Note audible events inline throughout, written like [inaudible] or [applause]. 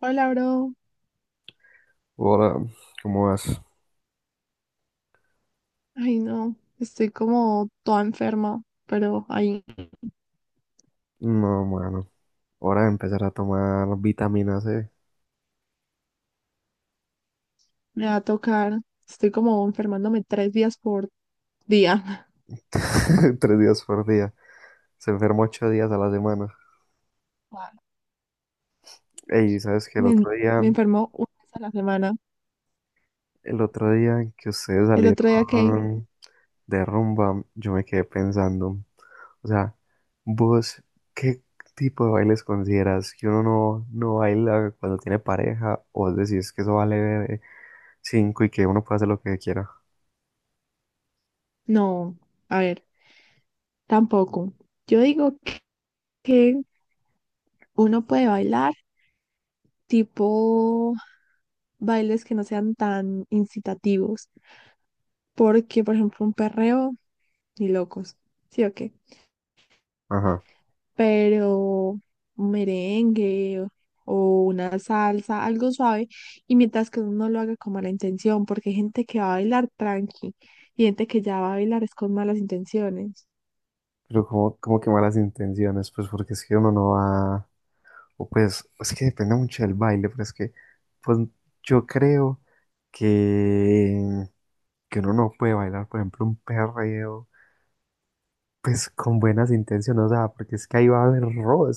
Hola, bro. Hola, ¿cómo vas? Ay, no, estoy como toda enferma, pero ahí No, mano. Hora de empezar a tomar vitamina C. me va a tocar. Estoy como enfermándome 3 días por día. [laughs] [laughs] 3 días por día. Se enferma 8 días a la semana. Wow. Ey, ¿sabes que El Me, otro en- día, me enfermo una vez a la semana. el otro día que ustedes El otro día que. salieron de rumba, yo me quedé pensando? O sea, vos, ¿qué tipo de bailes consideras que uno no baila cuando tiene pareja? O vos decís que eso vale cinco y que uno puede hacer lo que quiera. No, a ver, tampoco. Yo digo que uno puede bailar tipo bailes que no sean tan incitativos, porque, por ejemplo, un perreo, ni locos. ¿Sí o qué? Ajá. Pero un merengue o una salsa, algo suave, y mientras que uno no lo haga con mala intención, porque hay gente que va a bailar tranqui y gente que ya va a bailar es con malas intenciones. Pero como que malas intenciones, pues porque es que uno no va, o pues es que depende mucho del baile, pero es que pues yo creo que, que uno no puede bailar, por ejemplo, un perreo, pues con buenas intenciones, o sea, porque es que ahí va a haber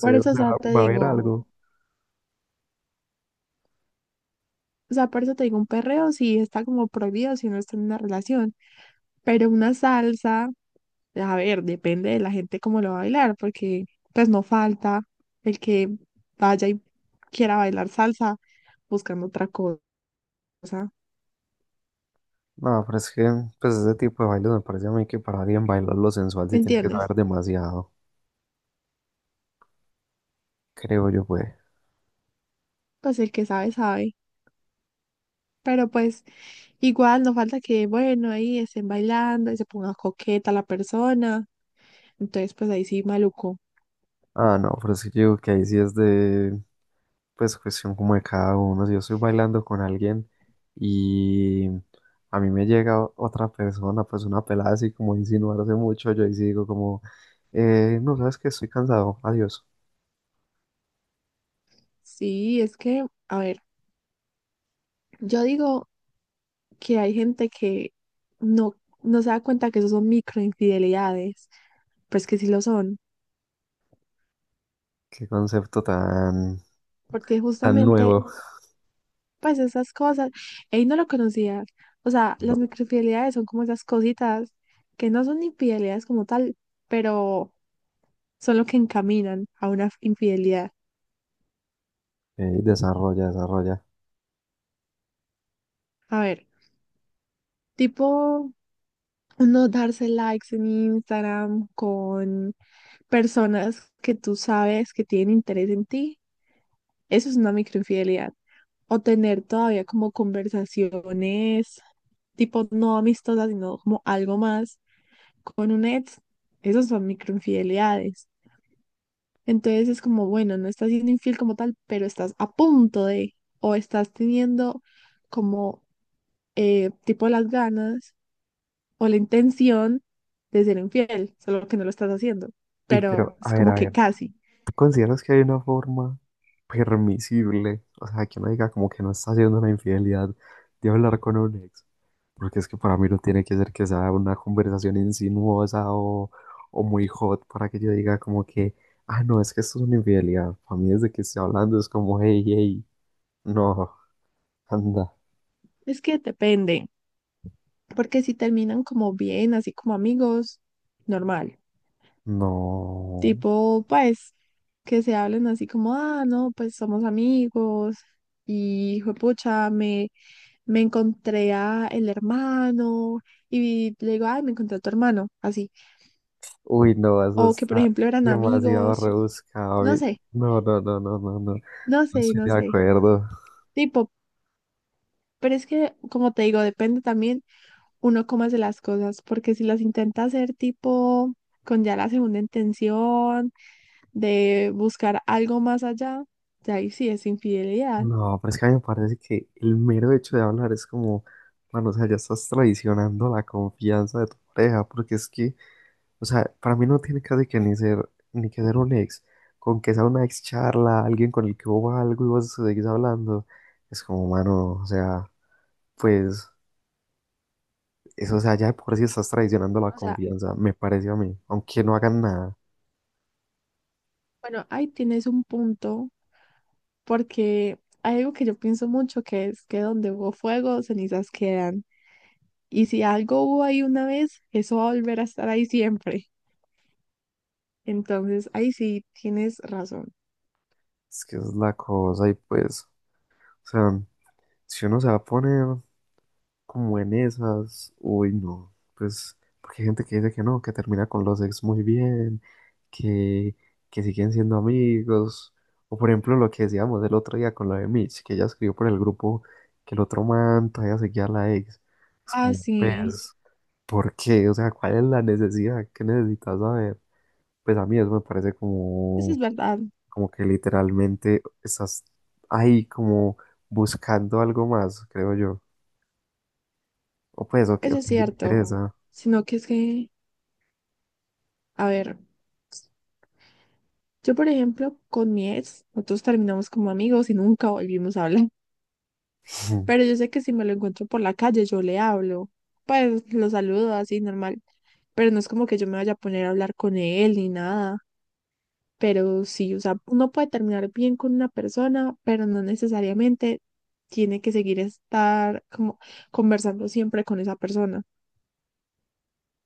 Por o eso, o sea, sea, te va a haber digo, algo. o sea, por eso te digo, un perreo sí está como prohibido si no está en una relación, pero una salsa, a ver, depende de la gente cómo lo va a bailar, porque pues no falta el que vaya y quiera bailar salsa buscando otra cosa, No. No, pero es que pues ese tipo de bailes me parece a mí que para alguien bailarlo sensual sí ¿me tiene que entiendes? saber demasiado, creo yo, pues. Pues el que sabe, sabe. Pero pues igual no falta que, bueno, ahí estén bailando y se ponga coqueta la persona. Entonces, pues ahí sí, maluco. Ah, no, pero es que yo digo que ahí sí es de pues cuestión como de cada uno. Si yo estoy bailando con alguien y a mí me llega otra persona, pues una pelada así como a insinuarse mucho, yo ahí sí digo como, no, sabes que estoy cansado, adiós. Sí, es que, a ver, yo digo que hay gente que no, no se da cuenta que eso son microinfidelidades, pues que sí lo son, Qué concepto tan, porque tan justamente, nuevo. pues esas cosas, él no lo conocía. O sea, las No, microinfidelidades son como esas cositas que no son infidelidades como tal, pero son lo que encaminan a una infidelidad. Desarrolla, desarrolla. A ver, tipo uno darse likes en Instagram con personas que tú sabes que tienen interés en ti, eso es una microinfidelidad. O tener todavía como conversaciones tipo no amistosas, sino como algo más con un ex, esos son microinfidelidades. Entonces es como, bueno, no estás siendo infiel como tal, pero estás a punto de, o estás teniendo como tipo las ganas o la intención de ser infiel, solo que no lo estás haciendo, Y pero pero, es como a que ver, casi. ¿tú consideras que hay una forma permisible? O sea, que uno diga como que no está haciendo una infidelidad de hablar con un ex. Porque es que para mí no tiene que ser que sea una conversación insinuosa o muy hot para que yo diga como que, ah, no, es que esto es una infidelidad. Para mí desde que estoy hablando es como, hey, hey, no, anda, Es que depende, porque si terminan como bien, así como amigos, normal. no. Tipo, pues, que se hablen así como, ah, no, pues somos amigos y pucha me encontré a el hermano y le digo, ay, me encontré a tu hermano, así. Uy, no, eso O que, por está ejemplo, eran demasiado amigos, rebuscado. No sé, No, no, no, no, no, no. Yo no no sé, estoy no de sé. acuerdo. Tipo, pero es que, como te digo, depende también uno cómo hace las cosas, porque si las intenta hacer tipo con ya la segunda intención de buscar algo más allá, ya ahí sí es infidelidad. No, pero es que a mí me parece que el mero hecho de hablar es como, bueno, o sea, ya estás traicionando la confianza de tu pareja, porque es que. O sea, para mí no tiene casi que ni ser, ni que ser un ex. Con que sea una ex charla, alguien con el que hubo algo y vos seguís hablando, es como, mano, o sea, pues, eso, o sea, ya de por sí estás traicionando la O sea, confianza, me pareció a mí, aunque no hagan nada. bueno, ahí tienes un punto, porque hay algo que yo pienso mucho que es que donde hubo fuego, cenizas quedan. Y si algo hubo ahí una vez, eso va a volver a estar ahí siempre. Entonces, ahí sí tienes razón. Es que es la cosa y pues, o sea, si uno se va a poner como en esas, uy, no, pues, porque hay gente que dice que no, que termina con los ex muy bien, que, que siguen siendo amigos, o por ejemplo lo que decíamos el otro día con lo de Mitch, que ella escribió por el grupo que el otro man todavía seguía a la ex, es Ah, como, sí, pues, ¿por qué? O sea, ¿cuál es la necesidad? ¿Qué necesitas saber? Pues a mí eso me parece eso es como, verdad. como que literalmente estás ahí como buscando algo más, creo yo, o pues, o que, o Eso es que me cierto, interesa. sino que es que, a ver, yo por ejemplo, con mi ex, nosotros terminamos como amigos y nunca volvimos a hablar, [laughs] Ujú. pero yo sé que si me lo encuentro por la calle, yo le hablo, pues lo saludo así normal, pero no es como que yo me vaya a poner a hablar con él ni nada, pero sí, o sea, uno puede terminar bien con una persona, pero no necesariamente tiene que seguir estar como conversando siempre con esa persona,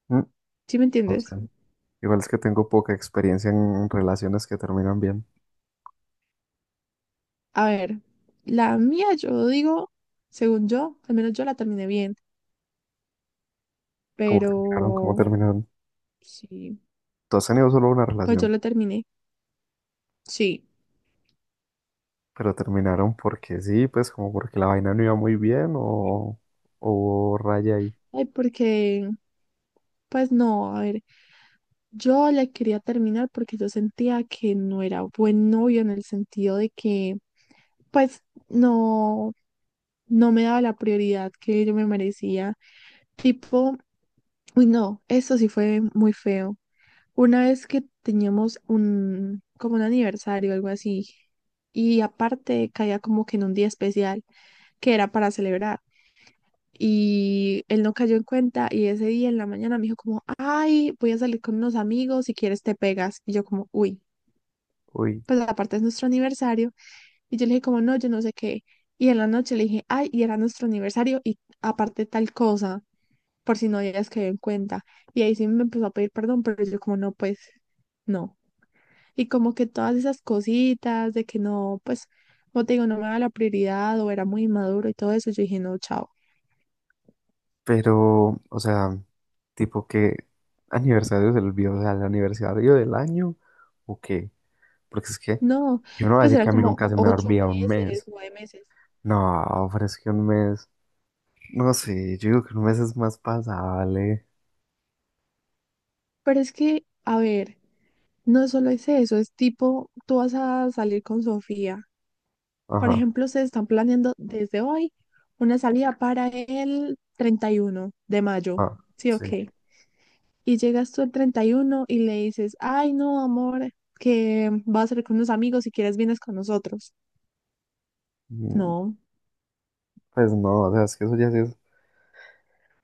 Mm. ¿sí me No sé. entiendes? Igual es que tengo poca experiencia en relaciones que terminan bien. A ver, la mía yo digo, según yo, al menos yo la terminé bien, ¿Cómo terminaron? ¿Cómo pero terminaron? sí, ¿Tú has tenido solo una pues relación? yo la terminé, sí. ¿Pero terminaron porque sí? Pues como porque la vaina no iba muy bien o hubo raya ahí. Ay, porque, pues no, a ver, yo la quería terminar porque yo sentía que no era buen novio en el sentido de que, pues no, no me daba la prioridad que yo me merecía. Tipo, uy, no, eso sí fue muy feo. Una vez que teníamos como un aniversario, algo así, y aparte caía como que en un día especial que era para celebrar. Y él no cayó en cuenta y ese día en la mañana me dijo como, ay, voy a salir con unos amigos, si quieres te pegas. Y yo como, uy, Uy, pues aparte es nuestro aniversario. Y yo le dije como, no, yo no sé qué. Y en la noche le dije, ay, y era nuestro aniversario y aparte tal cosa, por si no habías caído en cuenta. Y ahí sí me empezó a pedir perdón, pero yo como, no, pues no. Y como que todas esas cositas de que no, pues, como te digo, no me daba la prioridad o era muy inmaduro y todo eso, yo dije, no, chao. pero, o sea, tipo que aniversario se le olvidó, o sea, el aniversario del año o qué. Porque es que No, yo no voy a pues decir eran que a mí como nunca se me ocho olvida un meses, mes. 9 meses. No, pero es que un mes, no sé, yo digo que un mes es más pasable. Pero es que, a ver, no solo es eso, es tipo, tú vas a salir con Sofía. Por Ajá, ejemplo, se están planeando desde hoy una salida para el 31 de mayo. ajá, Sí, sí. ok. Y llegas tú el 31 y uno y le dices, ay, no, amor, que vas a salir con unos amigos, si quieres vienes con nosotros. Mm. No, Pues no, o sea, es que eso ya sí es.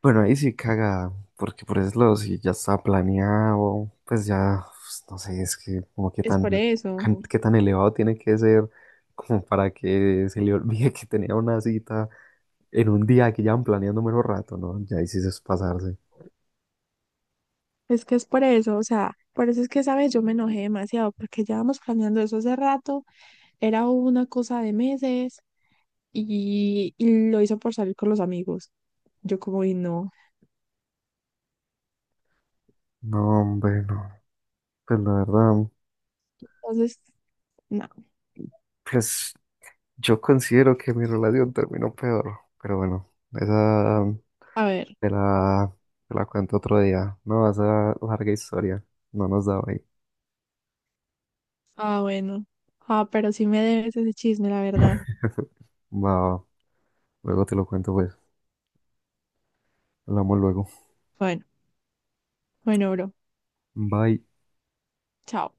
Bueno, ahí sí caga, porque por eso si ya está planeado, pues ya, pues, no sé, es que como que es tan, por eso. Qué tan elevado tiene que ser como para que se le olvide que tenía una cita en un día que llevan planeando menos rato, ¿no? Ya ahí sí eso es pasarse. Es que es por eso. O sea, por eso es que, ¿sabes? Yo me enojé demasiado porque llevamos planeando eso hace rato. Era una cosa de meses y lo hizo por salir con los amigos. Yo como, y no. No, hombre, no. Pues la verdad, Entonces, no. pues yo considero que mi relación terminó peor, pero bueno, esa. A ver. Te la, te la cuento otro día. No, esa larga historia. No nos da hoy. Ah, bueno. Ah, pero sí me debes ese chisme, la verdad. Va, va. Luego te lo cuento, pues. Hablamos luego. Bueno, bueno, bro. Bye. Chao.